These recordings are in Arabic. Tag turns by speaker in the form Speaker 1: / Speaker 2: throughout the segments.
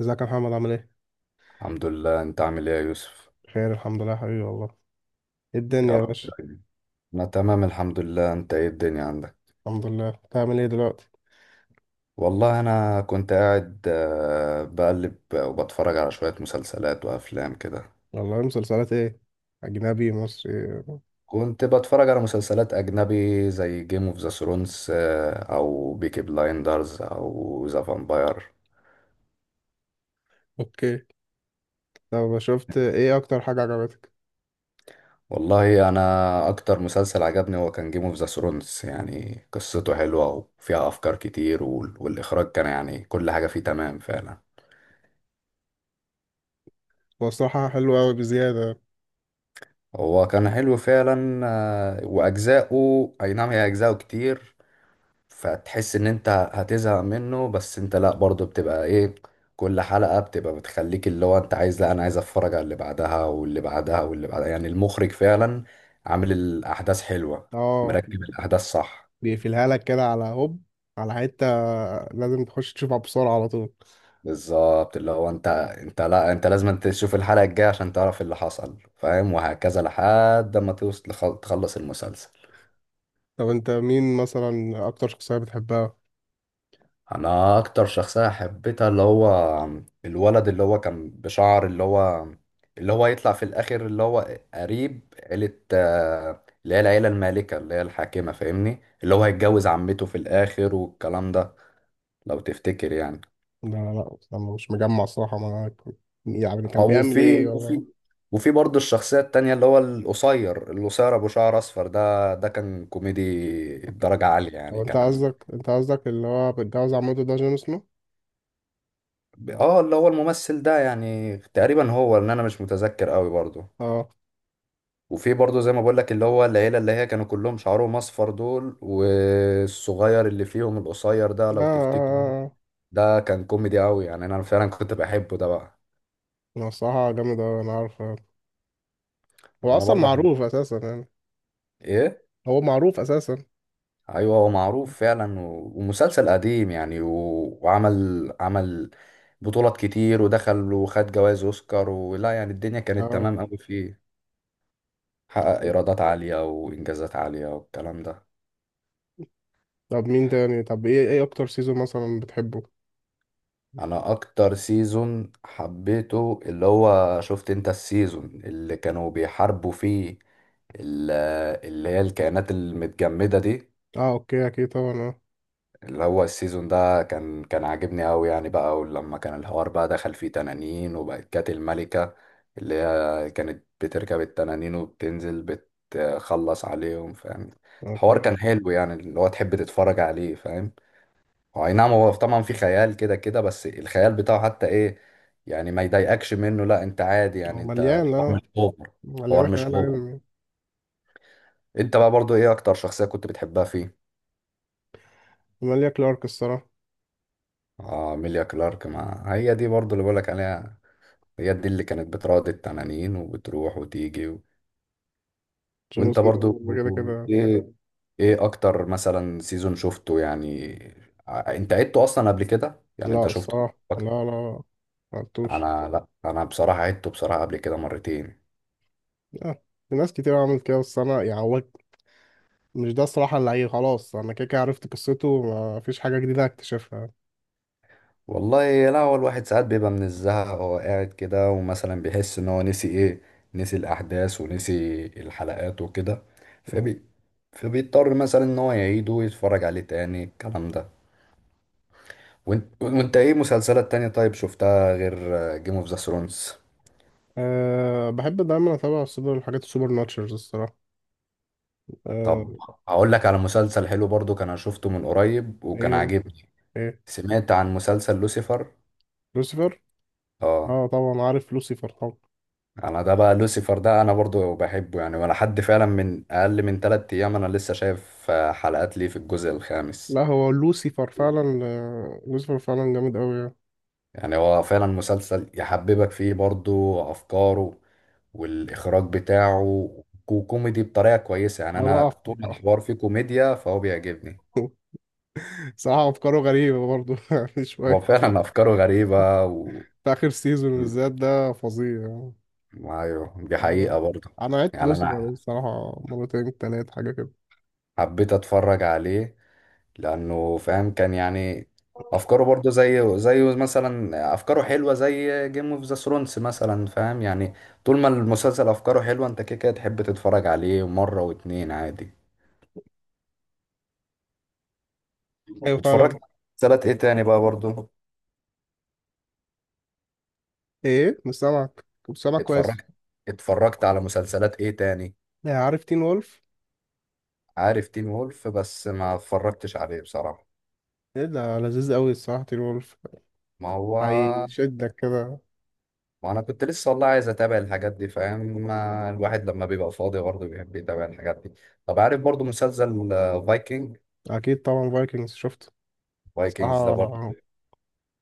Speaker 1: ازيك يا محمد عامل ايه؟
Speaker 2: الحمد لله، انت عامل ايه يا يوسف؟
Speaker 1: بخير الحمد لله يا حبيبي والله. ايه الدنيا
Speaker 2: يا
Speaker 1: يا
Speaker 2: رب
Speaker 1: باشا؟
Speaker 2: دايما. انا تمام الحمد لله. انت ايه الدنيا عندك؟
Speaker 1: الحمد لله. بتعمل ايه دلوقتي؟
Speaker 2: والله انا كنت قاعد، بقلب وبتفرج على شوية مسلسلات وافلام كده.
Speaker 1: والله مسلسلات ايه؟ اجنبي، مصري.
Speaker 2: كنت بتفرج على مسلسلات اجنبي زي جيم اوف ذا ثرونز او بيكي بلايندرز او ذا فامباير.
Speaker 1: اوكي. طب شفت ايه اكتر حاجة عجبتك؟
Speaker 2: والله انا اكتر مسلسل عجبني هو كان جيم اوف ذا ثرونز، يعني قصته حلوة وفيها افكار كتير، والاخراج كان يعني كل حاجة فيه تمام فعلا.
Speaker 1: هو الصراحة حلو اوي بزيادة.
Speaker 2: هو كان حلو فعلا واجزاؤه اي نعم، هي اجزاؤه كتير. فتحس ان انت هتزهق منه، بس انت لا، برضه بتبقى ايه، كل حلقة بتبقى بتخليك اللي هو انت عايز، لا انا عايز اتفرج على اللي بعدها واللي بعدها واللي بعدها. يعني المخرج فعلا عامل الاحداث حلوة،
Speaker 1: اه،
Speaker 2: مركب الاحداث، صح.
Speaker 1: بيقفلها لك كده على هوب، على حتة، لازم تخش تشوفها بسرعة على طول.
Speaker 2: بالظبط، اللي هو انت لا انت لازم انت تشوف الحلقة الجاية عشان تعرف اللي حصل فاهم، وهكذا لحد ما توصل تخلص المسلسل.
Speaker 1: طب انت مين مثلا اكتر شخصية بتحبها؟
Speaker 2: انا اكتر شخصيه حبيتها اللي هو الولد اللي هو كان بشعر، اللي هو اللي هو يطلع في الاخر، اللي هو قريب عيله اللي هي العيله المالكه اللي هي الحاكمه فاهمني، اللي هو هيتجوز عمته في الاخر والكلام ده، لو تفتكر يعني.
Speaker 1: لا، لا، لا، انا مش مجمع الصراحة معاك. يعني كان
Speaker 2: او
Speaker 1: بيعمل ايه
Speaker 2: في
Speaker 1: والله؟
Speaker 2: وفي برضه الشخصيه التانية اللي هو القصير القصير ابو شعر اصفر ده كان كوميدي
Speaker 1: اوكي،
Speaker 2: درجه عاليه
Speaker 1: هو
Speaker 2: يعني،
Speaker 1: انت
Speaker 2: كان
Speaker 1: قصدك انت قصدك اللي هو بيتجوز عمته ده جون سنو؟
Speaker 2: اه اللي هو الممثل ده يعني تقريبا، هو ان انا مش متذكر قوي برضه.
Speaker 1: اه،
Speaker 2: وفي برضه زي ما بقول لك اللي هو العيله اللي هي كانوا كلهم شعرهم اصفر دول، والصغير اللي فيهم القصير ده
Speaker 1: اه،
Speaker 2: لو تفتكر،
Speaker 1: آه، آه.
Speaker 2: ده كان كوميدي قوي يعني، انا فعلا كنت بحبه ده بقى.
Speaker 1: هو الصراحة جامد أوي، أنا عارف. هو
Speaker 2: انا
Speaker 1: أصلا
Speaker 2: برضه
Speaker 1: معروف أساسا يعني.
Speaker 2: ايه.
Speaker 1: هو معروف أساسا.
Speaker 2: ايوه هو معروف فعلا، و... ومسلسل قديم يعني، وعمل بطولات كتير ودخل وخد جوائز اوسكار ولا، يعني الدنيا كانت
Speaker 1: اه،
Speaker 2: تمام قوي فيه، حقق ايرادات عاليه وانجازات عاليه والكلام ده.
Speaker 1: طب مين تاني. طب إيه أكتر سيزون مثلا بتحبه؟
Speaker 2: انا اكتر سيزون حبيته اللي هو، شفت انت السيزون اللي كانوا بيحاربوا فيه، ال- اللي هي الكائنات المتجمدة دي،
Speaker 1: اه، أوكي، أكيد طبعا، اه،
Speaker 2: اللي هو السيزون ده كان عاجبني قوي يعني بقى، ولما كان الحوار بقى دخل فيه تنانين، وبقت كانت الملكة اللي هي كانت بتركب التنانين وبتنزل بتخلص عليهم فاهم. الحوار
Speaker 1: أوكي.
Speaker 2: كان حلو يعني، اللي هو تحب تتفرج عليه فاهم. هو اي نعم، هو طبعا في خيال كده كده، بس الخيال بتاعه حتى ايه يعني ما يضايقكش منه، لا انت عادي
Speaker 1: هو
Speaker 2: يعني، انت
Speaker 1: مليان
Speaker 2: الحوار
Speaker 1: اه
Speaker 2: مش اوفر، الحوار
Speaker 1: مليان
Speaker 2: مش
Speaker 1: خيال
Speaker 2: اوفر.
Speaker 1: علمي.
Speaker 2: انت بقى برضو ايه اكتر شخصية كنت بتحبها فيه؟
Speaker 1: ماليا كلارك الصراحة.
Speaker 2: اه ميليا كلارك، ما هي دي برضو اللي بقولك عليها، هي دي اللي كانت بتراضي التنانين وبتروح وتيجي
Speaker 1: جون
Speaker 2: وانت برضو،
Speaker 1: سنو كده كده.
Speaker 2: ايه ايه اكتر مثلا سيزون شفته يعني، انت عدته اصلا قبل كده، يعني انت
Speaker 1: لا
Speaker 2: شفته
Speaker 1: الصراحة، لا،
Speaker 2: أكتر؟
Speaker 1: لا، لا. معرفتوش.
Speaker 2: انا، لا انا بصراحة عدته بصراحة قبل كده مرتين.
Speaker 1: لا، في ناس كتير عملت كده، بس أنا يعني هو مش ده الصراحة، اللي هي خلاص أنا كده كده عرفت قصته. مفيش حاجة جديدة هكتشفها.
Speaker 2: والله لا، هو الواحد ساعات بيبقى من الزهق هو قاعد كده، ومثلا بيحس ان هو نسي ايه، نسي الاحداث ونسي الحلقات وكده، فبي فبيضطر مثلا ان هو يعيده ويتفرج عليه تاني الكلام ده. وانت ايه مسلسلات تانية طيب شفتها غير جيم اوف ذا ثرونز؟
Speaker 1: أه، بحب دايما اتابع الحاجات السوبر ناتشرز الصراحه.
Speaker 2: طب
Speaker 1: أه.
Speaker 2: اقول لك على مسلسل حلو برضو كان، أنا شفته من قريب
Speaker 1: ايه
Speaker 2: وكان
Speaker 1: هو؟
Speaker 2: عاجبني.
Speaker 1: ايه؟
Speaker 2: سمعت عن مسلسل لوسيفر؟
Speaker 1: لوسيفر.
Speaker 2: اه،
Speaker 1: اه، طبعا عارف لوسيفر طبعا.
Speaker 2: انا ده بقى لوسيفر، ده انا برضو بحبه يعني، ولا حد فعلا من اقل من تلات ايام انا لسه شايف حلقات ليه في الجزء الخامس.
Speaker 1: لا، هو لوسيفر فعلا جامد قوي يعني.
Speaker 2: يعني هو فعلا مسلسل يحببك فيه برضو افكاره والاخراج بتاعه، وكوميدي بطريقة كويسة، يعني
Speaker 1: اه، لا،
Speaker 2: انا
Speaker 1: عفو،
Speaker 2: طول ما
Speaker 1: عفو.
Speaker 2: الحوار فيه كوميديا فهو بيعجبني.
Speaker 1: صراحه افكاره غريبه برضو، يعني
Speaker 2: هو
Speaker 1: شويه.
Speaker 2: فعلا افكاره غريبة
Speaker 1: في اخر سيزون بالذات ده فظيع يعني.
Speaker 2: ايوه، دي
Speaker 1: انا
Speaker 2: حقيقة برضو.
Speaker 1: انا عدت
Speaker 2: يعني
Speaker 1: لوسيفر
Speaker 2: انا
Speaker 1: الصراحه مرتين، تلات حاجه كده.
Speaker 2: حبيت اتفرج عليه لانه فاهم كان يعني افكاره برضه زي زي مثلا افكاره حلوه زي جيم اوف ذا ثرونز مثلا فاهم يعني. طول ما المسلسل افكاره حلوه، انت كده كده تحب تتفرج عليه مره واتنين عادي.
Speaker 1: ايوه
Speaker 2: واتفرجت
Speaker 1: فعلا.
Speaker 2: على مسلسلات ايه تاني بقى برضه،
Speaker 1: ايه؟ مش سامعك كويس.
Speaker 2: اتفرجت اتفرجت على مسلسلات ايه تاني؟
Speaker 1: آه، عارف تين وولف.
Speaker 2: عارف تين وولف، بس ما اتفرجتش عليه بصراحه.
Speaker 1: ايه ده لذيذ قوي الصراحه، تين وولف،
Speaker 2: ما هو،
Speaker 1: هيشدك كده.
Speaker 2: ما انا كنت لسه والله عايز اتابع الحاجات دي فاهم، ما الواحد لما بيبقى فاضي برضه بيحب يتابع الحاجات دي. طب عارف برضه مسلسل فايكنج؟
Speaker 1: اكيد طبعا فايكنجز شفت،
Speaker 2: فايكنجز ده برضه
Speaker 1: صراحه.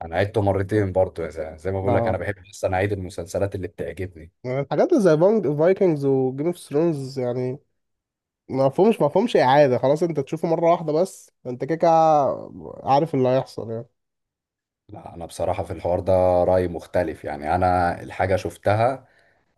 Speaker 2: انا عدته مرتين برضه يا زلمه، زي ما بقول لك انا
Speaker 1: آه،
Speaker 2: بحب اصلا اعيد المسلسلات اللي بتعجبني.
Speaker 1: الحاجات زي بانج فايكنجز وجيم اوف ثرونز يعني. ما فهمش اعاده، خلاص انت تشوفه مره واحده بس، انت كده كده عارف اللي هيحصل يعني.
Speaker 2: لا انا بصراحه في الحوار ده رايي مختلف يعني، انا الحاجه شفتها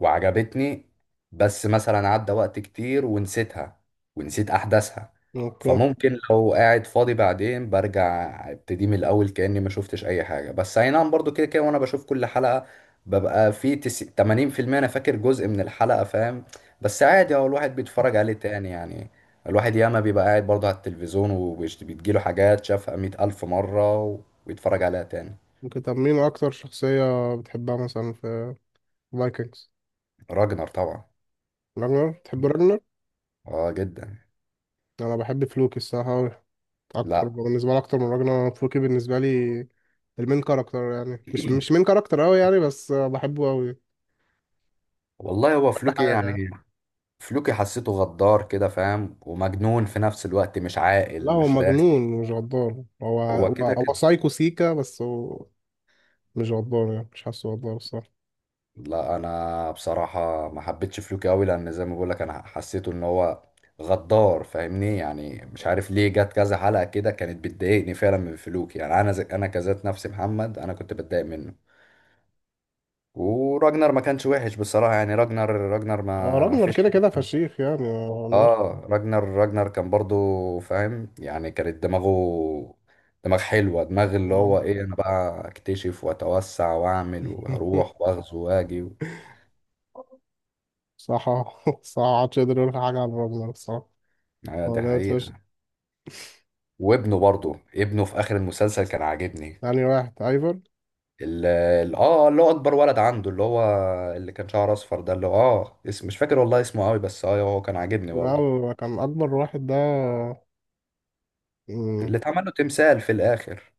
Speaker 2: وعجبتني، بس مثلا عدى وقت كتير ونسيتها ونسيت أحداثها،
Speaker 1: اوكي.
Speaker 2: فممكن لو قاعد فاضي بعدين برجع ابتدي من الأول كأني ما شفتش أي حاجة. بس أي نعم، برضو كده كده، وأنا بشوف كل حلقة ببقى في 80% أنا فاكر جزء من الحلقة فاهم. بس عادي هو الواحد بيتفرج عليه تاني يعني، الواحد ياما بيبقى قاعد برضه على التلفزيون وبيجيله حاجات شافها مئة ألف مرة، ويتفرج عليها تاني.
Speaker 1: ممكن طب مين اكتر شخصيه بتحبها مثلا في فايكنجز؟
Speaker 2: راجنر طبعا.
Speaker 1: راجنر، بتحب راجنر.
Speaker 2: اه جدا.
Speaker 1: انا بحب فلوكي الصراحه أوي. اكتر
Speaker 2: لا.
Speaker 1: بالنسبه لي، اكتر من راجنر، فلوكي بالنسبه لي. المين كاركتر يعني، مش مين كاركتر قوي يعني، بس بحبه قوي
Speaker 2: والله هو
Speaker 1: كل
Speaker 2: فلوكي
Speaker 1: حاجه.
Speaker 2: يعني، فلوكي حسيته غدار كده فاهم، ومجنون في نفس الوقت، مش
Speaker 1: لا،
Speaker 2: عاقل
Speaker 1: هو
Speaker 2: مش
Speaker 1: مجنون
Speaker 2: راسي.
Speaker 1: مش غدار، هو
Speaker 2: هو
Speaker 1: هو
Speaker 2: كده
Speaker 1: هو
Speaker 2: كده.
Speaker 1: سايكو سيكا، بس هو مش غدار يعني، مش حاسه غدار الصراحة.
Speaker 2: لا انا بصراحة ما حبيتش فلوكي قوي، لان زي ما بقول لك انا حسيته ان هو غدار فاهمني، يعني مش عارف ليه، جت كذا حلقة كده كانت بتضايقني فعلا من فلوكي يعني، انا زي انا كذات نفسي محمد انا كنت بتضايق منه. وراجنر ما كانش وحش بصراحة يعني، راجنر
Speaker 1: هو
Speaker 2: ما
Speaker 1: راجنر
Speaker 2: فيش
Speaker 1: كده كده
Speaker 2: حاجة.
Speaker 1: فشيخ يعني، ما قلناش.
Speaker 2: اه راجنر كان برضو فاهم يعني، كانت دماغه، دماغ حلوة، دماغ اللي
Speaker 1: ما-
Speaker 2: هو ايه، انا بقى اكتشف واتوسع واعمل وهروح واغزو واجي
Speaker 1: صح، صح، محدش يقدر يقول حاجة عن راجنر الصراحة.
Speaker 2: آه،
Speaker 1: هو
Speaker 2: دي
Speaker 1: جامد فشخ.
Speaker 2: حقيقة. وابنه برضو، ابنه في اخر المسلسل كان عاجبني،
Speaker 1: يعني واحد ايفر؟
Speaker 2: اه اللي هو اكبر ولد عنده، اللي هو اللي كان شعره اصفر ده، اللي هو اه اسم مش فاكر والله اسمه قوي بس، اه هو كان عاجبني
Speaker 1: لا،
Speaker 2: برضو،
Speaker 1: هو كان أكبر واحد ده. مم.
Speaker 2: اللي اتعمل له تمثال في الاخر.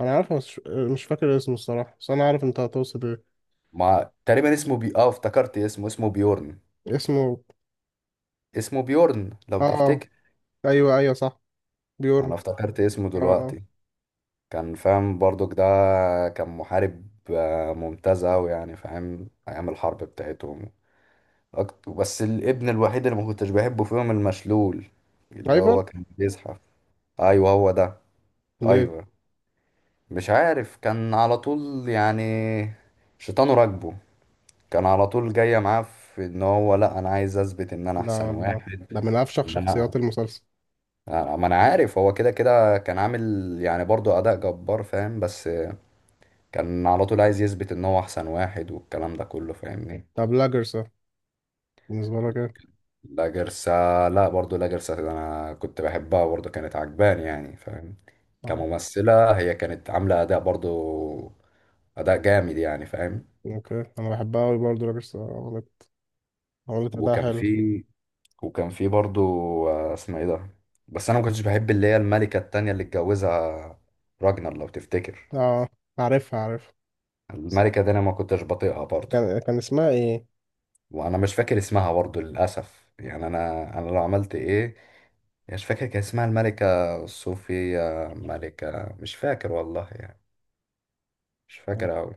Speaker 1: أنا عارف بس مش فاكر اسمه الصراحة، بس أنا عارف أنت هتقصد إيه.
Speaker 2: ما تقريبا اسمه بي اه افتكرت اسمه بيورن،
Speaker 1: اسمه؟
Speaker 2: اسمه بيورن لو
Speaker 1: آه، آه.
Speaker 2: تفتكر.
Speaker 1: أيوه، أيوه، صح.
Speaker 2: انا
Speaker 1: بيورن.
Speaker 2: افتكرت اسمه
Speaker 1: آه.
Speaker 2: دلوقتي، كان فاهم برضك ده، كان محارب ممتاز اوي يعني فاهم، ايام الحرب بتاعتهم. بس الابن الوحيد اللي ما كنتش بحبه فيهم المشلول،
Speaker 1: آه،
Speaker 2: اللي
Speaker 1: ايفر؟
Speaker 2: هو كان بيزحف. ايوه هو ده.
Speaker 1: ليه؟
Speaker 2: ايوه، مش عارف، كان على طول يعني شيطانه راكبه، كان على طول جايه معاه في ان هو لا انا عايز اثبت ان انا
Speaker 1: ده
Speaker 2: احسن واحد،
Speaker 1: ده من أفشخ
Speaker 2: وان
Speaker 1: شخصيات
Speaker 2: انا
Speaker 1: المسلسل.
Speaker 2: ما انا عارف، هو كده كده كان عامل يعني برضو اداء جبار فاهم، بس كان على طول عايز يثبت ان هو احسن واحد والكلام ده كله فاهمني.
Speaker 1: طب لاجرسا، بالنسبة لك ايه؟
Speaker 2: لا جرسة، لا برضو لا جرسة ده انا كنت بحبها برضو، كانت عجباني يعني فاهم،
Speaker 1: اه،
Speaker 2: كممثلة هي كانت عاملة اداء برضو، اداء جامد يعني فاهم.
Speaker 1: اوكي، انا بحبها اوي برضه لاجرسا. عملت اداء
Speaker 2: وكان
Speaker 1: حلو.
Speaker 2: في وكان في برضو اسمها ايه ده، بس انا ما كنتش بحب اللي هي الملكة التانية اللي اتجوزها راجنر لو تفتكر،
Speaker 1: اه، عارفها عارفها.
Speaker 2: الملكة دي انا ما كنتش بطيقها برضو.
Speaker 1: كان اسمها ايه؟
Speaker 2: وانا مش فاكر اسمها برضو للاسف يعني، انا لو عملت ايه، مش فاكر، كان اسمها الملكة صوفيا ملكة، مش فاكر والله يعني، مش
Speaker 1: كان
Speaker 2: فاكر أوي.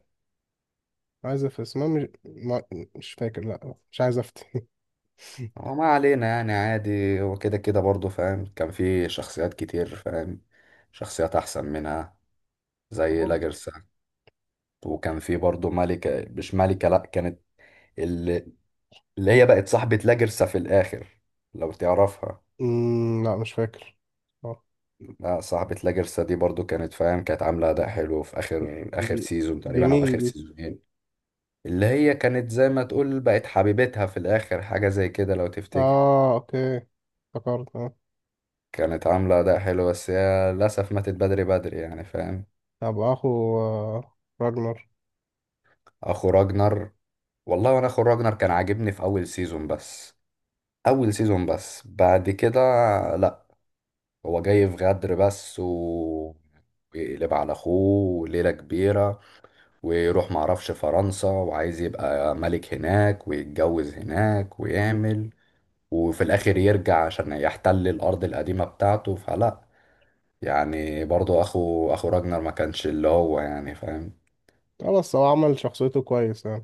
Speaker 1: عايز في اسمها مش ما. مش فاكر، لا مش عايز افتي.
Speaker 2: هو ما علينا يعني عادي، هو كده كده برضه فاهم، كان في شخصيات كتير فاهم، شخصيات أحسن منها زي
Speaker 1: أوه.
Speaker 2: لاجرسا. وكان في برضه ملكة مش ملكة لأ، كانت اللي, اللي هي بقت صاحبة لاجرسا في الآخر لو تعرفها.
Speaker 1: لا مش فاكر. اه.
Speaker 2: لا، صاحبة لاجرسا دي برضه كانت فاهم، كانت عاملة أداء حلو في آخر آخر
Speaker 1: دي
Speaker 2: سيزون
Speaker 1: دي
Speaker 2: تقريبا أو
Speaker 1: مين
Speaker 2: آخر
Speaker 1: دي؟
Speaker 2: سيزونين، اللي هي كانت زي ما تقول بقت حبيبتها في الآخر، حاجة زي كده لو تفتكر.
Speaker 1: اه، اوكي افتكرت، اه.
Speaker 2: كانت عاملة أداء حلو، بس هي للأسف ماتت بدري بدري يعني فاهم.
Speaker 1: طب اخو راجنر.
Speaker 2: أخو راجنر، والله وأنا أخو راجنر كان عاجبني في أول سيزون بس، أول سيزون بس بعد كده لأ. هو جاي في غدر بس، و ويقلب على أخوه ليلة كبيرة، ويروح معرفش فرنسا وعايز يبقى ملك هناك ويتجوز هناك ويعمل، وفي الاخر يرجع عشان يحتل الارض القديمة بتاعته، فلا. يعني برضو اخو راجنر ما كانش اللي هو يعني فاهم.
Speaker 1: اه، بس هو عمل شخصيته كويس يعني.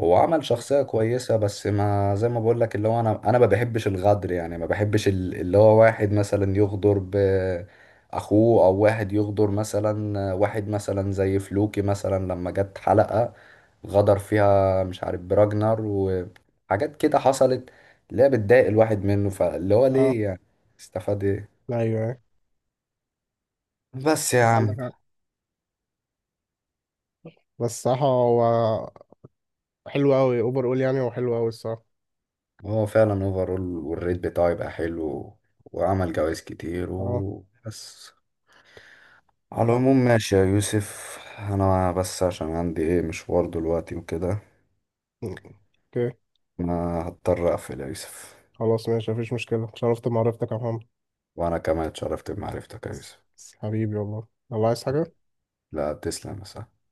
Speaker 2: هو عمل شخصية كويسة، بس ما زي ما بقول لك اللي هو، انا ما بحبش الغدر يعني، ما بحبش اللي هو واحد مثلا يغدر ب اخوه، او واحد يغدر مثلا واحد مثلا زي فلوكي مثلا، لما جت حلقة غدر فيها مش عارف براجنر وحاجات كده حصلت، اللي هي بتضايق الواحد منه، فاللي هو
Speaker 1: اه،
Speaker 2: ليه يعني استفاد ايه.
Speaker 1: ايوه،
Speaker 2: بس يا
Speaker 1: انت
Speaker 2: عم،
Speaker 1: عندك، بس الصراحة هو حلو أوي أوبر أول، يعني هو حلو أوي الصراحة.
Speaker 2: هو فعلا اوفرول والريت بتاعه يبقى حلو، وعمل جوايز كتير
Speaker 1: أه،
Speaker 2: وبس. على العموم ماشي يا يوسف، انا بس عشان عندي ايه مشوار دلوقتي وكده،
Speaker 1: أوكي،
Speaker 2: انا هضطر اقفل يا يوسف.
Speaker 1: خلاص، ماشي، مفيش مشكلة. اتشرفت بمعرفتك يا محمد.
Speaker 2: وانا كمان اتشرفت بمعرفتك يا يوسف.
Speaker 1: حبيبي والله. الله، عايز حاجة؟
Speaker 2: لا، تسلم يا صاحبي.